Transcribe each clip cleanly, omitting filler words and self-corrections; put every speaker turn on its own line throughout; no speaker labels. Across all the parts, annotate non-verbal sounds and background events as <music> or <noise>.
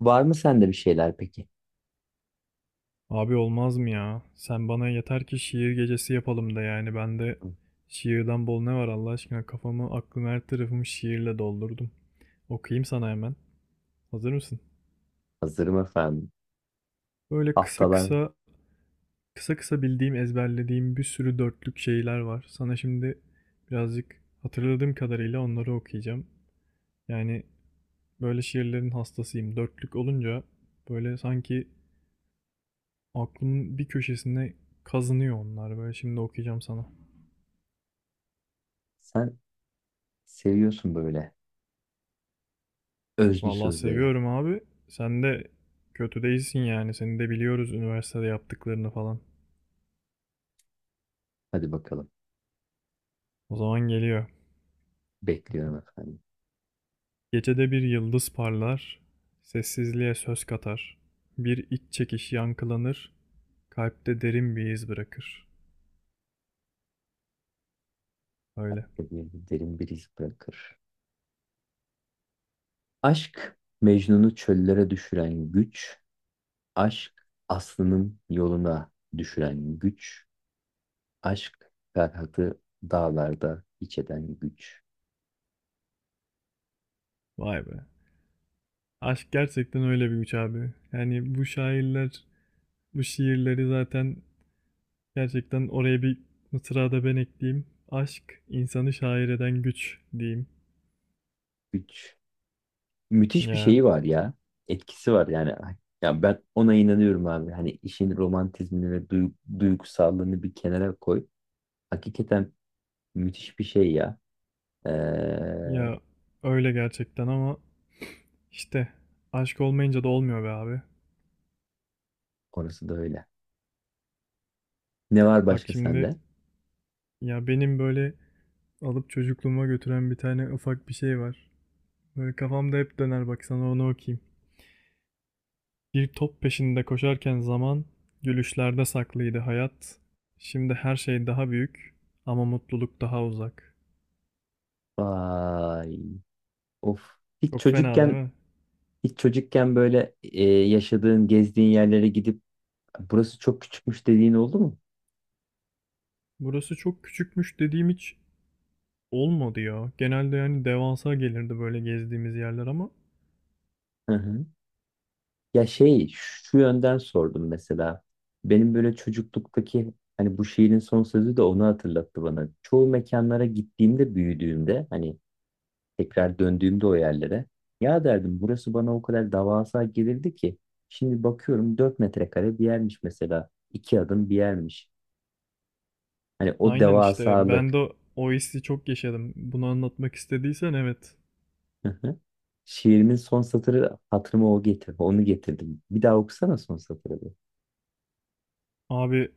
Var mı sende bir şeyler peki?
Abi olmaz mı ya? Sen bana yeter ki şiir gecesi yapalım da yani ben de şiirden bol ne var Allah aşkına kafamı aklımı her tarafımı şiirle doldurdum. Okuyayım sana hemen. Hazır mısın?
Hazırım efendim.
Böyle kısa
Haftalar
kısa kısa kısa bildiğim ezberlediğim bir sürü dörtlük şeyler var. Sana şimdi birazcık hatırladığım kadarıyla onları okuyacağım. Yani böyle şiirlerin hastasıyım. Dörtlük olunca böyle sanki aklımın bir köşesine kazınıyor onlar. Böyle şimdi okuyacağım sana.
sen seviyorsun böyle özlü
Vallahi
sözleri.
seviyorum abi. Sen de kötü değilsin yani. Seni de biliyoruz üniversitede yaptıklarını falan.
Hadi bakalım.
O zaman geliyor.
Bekliyorum efendim.
Gecede bir yıldız parlar, sessizliğe söz katar. Bir iç çekiş yankılanır, kalpte derin bir iz bırakır. Öyle.
Sevgi derin bir iz bırakır. Aşk Mecnun'u çöllere düşüren güç. Aşk Aslı'nın yoluna düşüren güç. Aşk Ferhat'ı dağlarda iç eden güç.
Vay be. Aşk gerçekten öyle bir güç abi. Yani bu şairler, bu şiirleri zaten gerçekten oraya bir mısra da ben ekleyeyim. Aşk insanı şair eden güç diyeyim.
Güç, müthiş bir
Ya
şeyi var ya. Etkisi var yani. Ya ben ona inanıyorum abi. Hani işin romantizmini ve duygusallığını bir kenara koy. Hakikaten müthiş bir şey ya. Ee,
Ya öyle gerçekten ama işte aşk olmayınca da olmuyor be abi.
orası da öyle. Ne var
Bak
başka
şimdi
sende?
ya benim böyle alıp çocukluğuma götüren bir tane ufak bir şey var. Böyle kafamda hep döner bak sana onu okuyayım. Bir top peşinde koşarken zaman gülüşlerde saklıydı hayat. Şimdi her şey daha büyük ama mutluluk daha uzak.
Vay. Of. Hiç
Çok fena değil
çocukken
mi?
hiç çocukken böyle yaşadığın, gezdiğin yerlere gidip burası çok küçükmüş dediğin oldu mu?
Burası çok küçükmüş dediğim hiç olmadı ya. Genelde yani devasa gelirdi böyle gezdiğimiz yerler ama
Hı hı. Ya şey şu yönden sordum mesela. Benim böyle çocukluktaki, hani bu şiirin son sözü de onu hatırlattı bana. Çoğu mekanlara gittiğimde, büyüdüğümde, hani tekrar döndüğümde o yerlere, ya derdim burası bana o kadar devasa gelirdi ki şimdi bakıyorum 4 metrekare bir yermiş mesela. İki adım bir yermiş. Hani o
aynen işte ben de
devasalık.
o hissi çok yaşadım. Bunu anlatmak istediysen evet.
Hı hı. Şiirimin son satırı hatırıma o getir, onu getirdim. Bir daha okusana son satırı bir.
Abi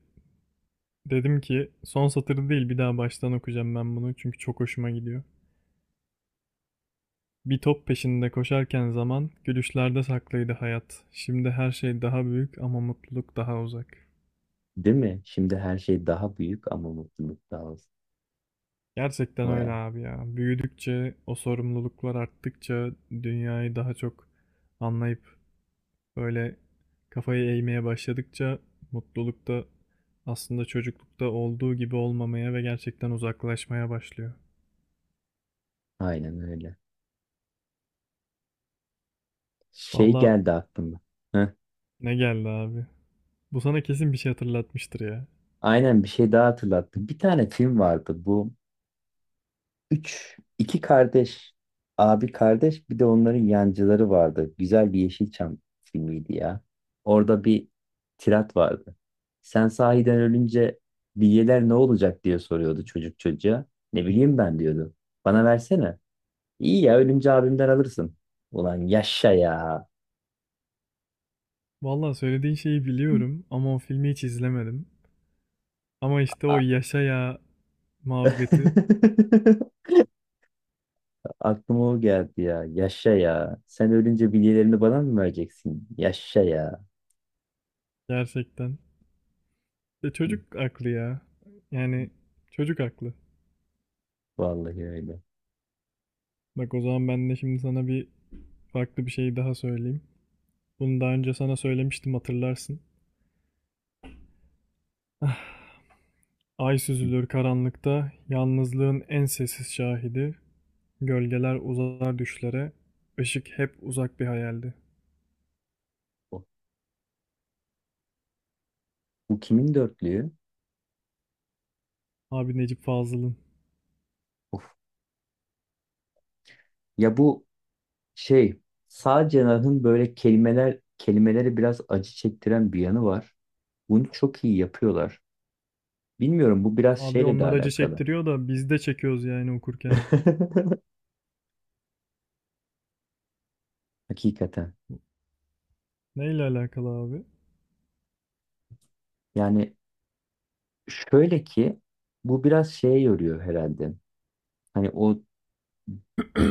dedim ki son satırı değil bir daha baştan okuyacağım ben bunu çünkü çok hoşuma gidiyor. Bir top peşinde koşarken zaman gülüşlerde saklıydı hayat. Şimdi her şey daha büyük ama mutluluk daha uzak.
Değil mi? Şimdi her şey daha büyük ama mutluluk daha az.
Gerçekten öyle
Vay,
abi ya. Büyüdükçe, o sorumluluklar arttıkça dünyayı daha çok anlayıp böyle kafayı eğmeye başladıkça mutluluk da aslında çocuklukta olduğu gibi olmamaya ve gerçekten uzaklaşmaya başlıyor.
aynen öyle. Şey
Valla
geldi aklıma. Heh,
ne geldi abi. Bu sana kesin bir şey hatırlatmıştır ya.
aynen, bir şey daha hatırlattım. Bir tane film vardı bu. Üç, iki kardeş. Abi kardeş, bir de onların yancıları vardı. Güzel bir Yeşilçam filmiydi ya. Orada bir tirat vardı. Sen sahiden ölünce bilyeler ne olacak diye soruyordu çocuk çocuğa. Ne bileyim ben, diyordu. Bana versene. İyi ya, ölünce abimden alırsın. Ulan yaşa ya.
Valla söylediğin şeyi biliyorum ama o filmi hiç izlemedim. Ama işte o
A-
yaşa ya muhabbeti
<laughs> Aklıma o geldi ya. Yaşa ya. Sen ölünce bilgilerini bana mı vereceksin? Yaşa ya.
gerçekten. E
Hı.
çocuk aklı ya. Yani çocuk aklı.
Vallahi öyle.
Bak o zaman ben de şimdi sana bir farklı bir şey daha söyleyeyim. Bunu daha önce sana söylemiştim hatırlarsın. <laughs> Ay
Hı.
süzülür karanlıkta, yalnızlığın en sessiz şahidi. Gölgeler uzar düşlere, ışık hep uzak bir hayaldi.
Bu, bu kimin dörtlüğü?
Abi Necip Fazıl'ın.
Of. Ya bu şey, sağ cenahın böyle kelimeleri biraz acı çektiren bir yanı var. Bunu çok iyi yapıyorlar. Bilmiyorum, bu biraz
Abi
şeyle de
onlar acı
alakalı.
çektiriyor da biz de çekiyoruz yani okurken.
<laughs> Hakikaten.
Neyle alakalı abi?
Yani şöyle ki, bu biraz şeye yoruyor herhalde. Hani o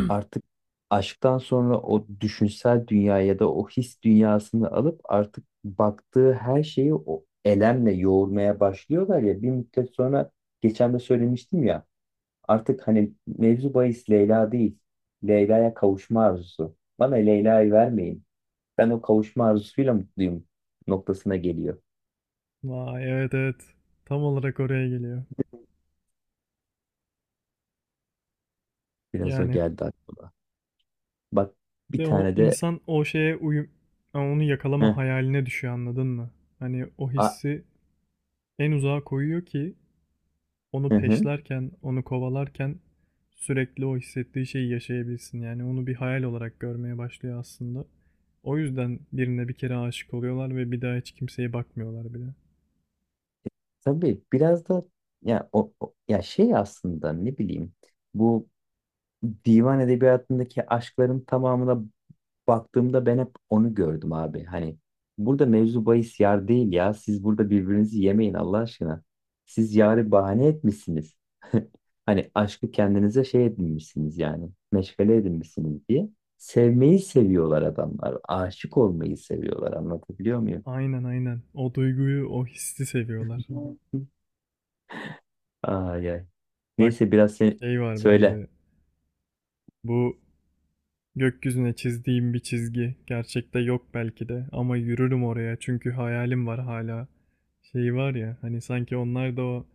artık aşktan sonra o düşünsel dünya ya da o his dünyasını alıp artık baktığı her şeyi o elemle yoğurmaya başlıyorlar ya bir müddet sonra, geçen de söylemiştim ya, artık hani mevzu bahis Leyla değil, Leyla'ya kavuşma arzusu. Bana Leyla'yı vermeyin. Ben o kavuşma arzusuyla mutluyum noktasına geliyor.
Vay, evet, evet. Tam olarak oraya geliyor.
Biraz o
Yani.
geldi aklıma. Bak, bir
De o
tane de.
insan o şeye uyum... yani onu
Heh,
yakalama hayaline düşüyor anladın mı? Hani o
a,
hissi en uzağa koyuyor ki
hı
onu
hı.
peşlerken, onu kovalarken sürekli o hissettiği şeyi yaşayabilsin. Yani onu bir hayal olarak görmeye başlıyor aslında. O yüzden birine bir kere aşık oluyorlar ve bir daha hiç kimseye bakmıyorlar bile.
Tabii biraz da ya şey, aslında ne bileyim, bu divan edebiyatındaki aşkların tamamına baktığımda ben hep onu gördüm abi. Hani burada mevzu bahis yar değil ya. Siz burada birbirinizi yemeyin Allah aşkına. Siz yarı bahane etmişsiniz. <laughs> Hani aşkı kendinize şey edinmişsiniz yani. Meşgale edinmişsiniz diye. Sevmeyi seviyorlar adamlar. Aşık olmayı seviyorlar. Anlatabiliyor muyum?
Aynen, aynen. O duyguyu, o hissi seviyorlar.
<laughs> Ay ay.
Bak
Neyse, biraz sen
şey var
söyle.
bende. Bu gökyüzüne çizdiğim bir çizgi. Gerçekte yok belki de ama yürürüm oraya çünkü hayalim var hala. Şey var ya hani sanki onlar da o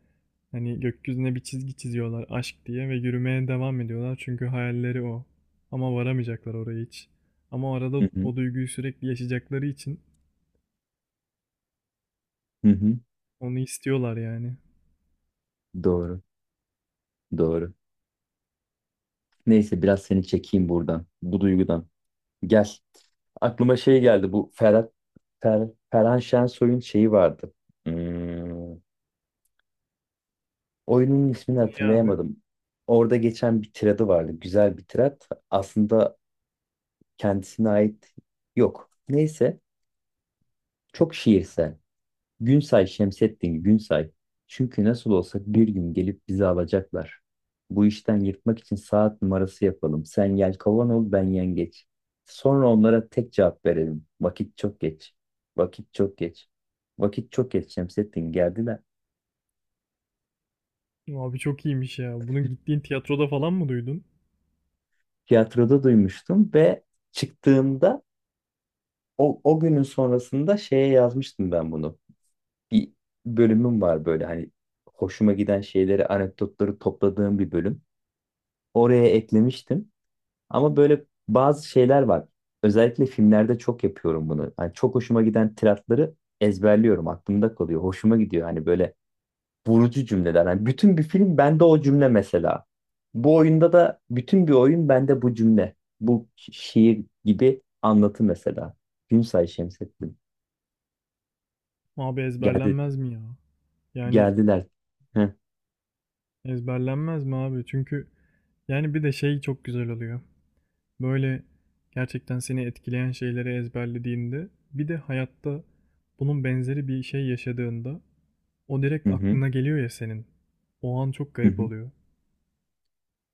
hani gökyüzüne bir çizgi çiziyorlar aşk diye ve yürümeye devam ediyorlar çünkü hayalleri o. Ama varamayacaklar oraya hiç. Ama arada
Hı hı,
o duyguyu sürekli yaşayacakları için
hı hı.
onu istiyorlar yani.
Doğru, doğru. Neyse, biraz seni çekeyim buradan, bu duygudan. Gel. Aklıma şey geldi, bu Ferhan Şensoy'un şeyi vardı. Hmm, oyunun ismini
Ne abi?
hatırlayamadım. Orada geçen bir tiradı vardı, güzel bir tirat. Aslında kendisine ait yok. Neyse, çok şiirsel. Günsay Şemsettin Günsay. Çünkü nasıl olsa bir gün gelip bizi alacaklar. Bu işten yırtmak için saat numarası yapalım. Sen yelkovan ol, ben yengeç. Sonra onlara tek cevap verelim. Vakit çok geç. Vakit çok geç. Vakit çok geç Şemsettin, geldiler.
Abi çok iyiymiş ya. Bunu gittiğin tiyatroda falan mı duydun?
Tiyatroda duymuştum ve çıktığımda, o günün sonrasında şeye yazmıştım ben bunu. Bir bölümüm var böyle, hani hoşuma giden şeyleri, anekdotları topladığım bir bölüm. Oraya eklemiştim. Ama böyle bazı şeyler var. Özellikle filmlerde çok yapıyorum bunu. Hani çok hoşuma giden tiratları ezberliyorum. Aklımda kalıyor. Hoşuma gidiyor. Hani böyle vurucu cümleler. Hani bütün bir film bende o cümle mesela. Bu oyunda da bütün bir oyun bende bu cümle. Bu şiir gibi anlatı mesela. Günsay Şemsettin.
Abi
Geldi,
ezberlenmez mi ya? Yani
geldiler. Heh.
ezberlenmez mi abi? Çünkü yani bir de şey çok güzel oluyor. Böyle gerçekten seni etkileyen şeyleri ezberlediğinde bir de hayatta bunun benzeri bir şey yaşadığında o
Hı
direkt
hı.
aklına geliyor ya senin. O an çok
Hı
garip
hı.
oluyor.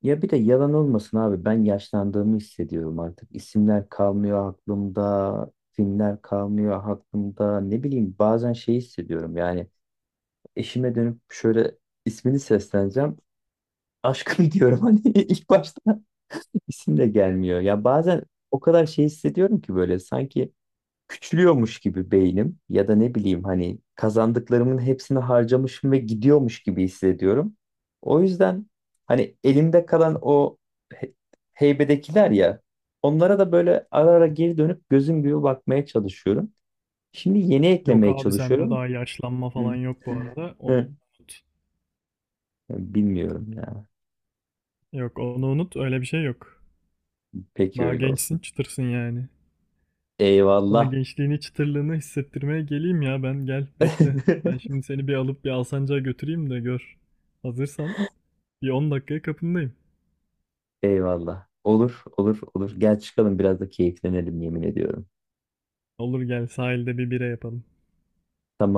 Ya bir de yalan olmasın abi, ben yaşlandığımı hissediyorum artık. İsimler kalmıyor aklımda, filmler kalmıyor aklımda. Ne bileyim, bazen şey hissediyorum yani, eşime dönüp şöyle ismini sesleneceğim. Aşkım <laughs> diyorum, hani ilk başta isim de gelmiyor. Ya bazen o kadar şey hissediyorum ki, böyle sanki küçülüyormuş gibi beynim, ya da ne bileyim, hani kazandıklarımın hepsini harcamışım ve gidiyormuş gibi hissediyorum. O yüzden hani elimde kalan o he- heybedekiler ya, onlara da böyle ara ara geri dönüp gözüm gibi bakmaya çalışıyorum. Şimdi yeni
Yok
eklemeye
abi sende
çalışıyorum.
daha yaşlanma
Hı.
falan yok bu arada. Onu
Hı.
unut.
Bilmiyorum ya.
Yok onu unut, öyle bir şey yok.
Peki
Daha
öyle
gençsin
olsun.
çıtırsın yani. Sana
Eyvallah.
gençliğini, çıtırlığını hissettirmeye geleyim ya ben. Gel bekle. Ben
<laughs>
şimdi seni bir alıp bir Alsancak'a götüreyim de gör. Hazırsan bir 10 dakikaya kapındayım.
Eyvallah. Olur, olur, olur. Gel çıkalım biraz da keyiflenelim, yemin ediyorum.
Olur gel sahilde bir bira yapalım.
Tamam.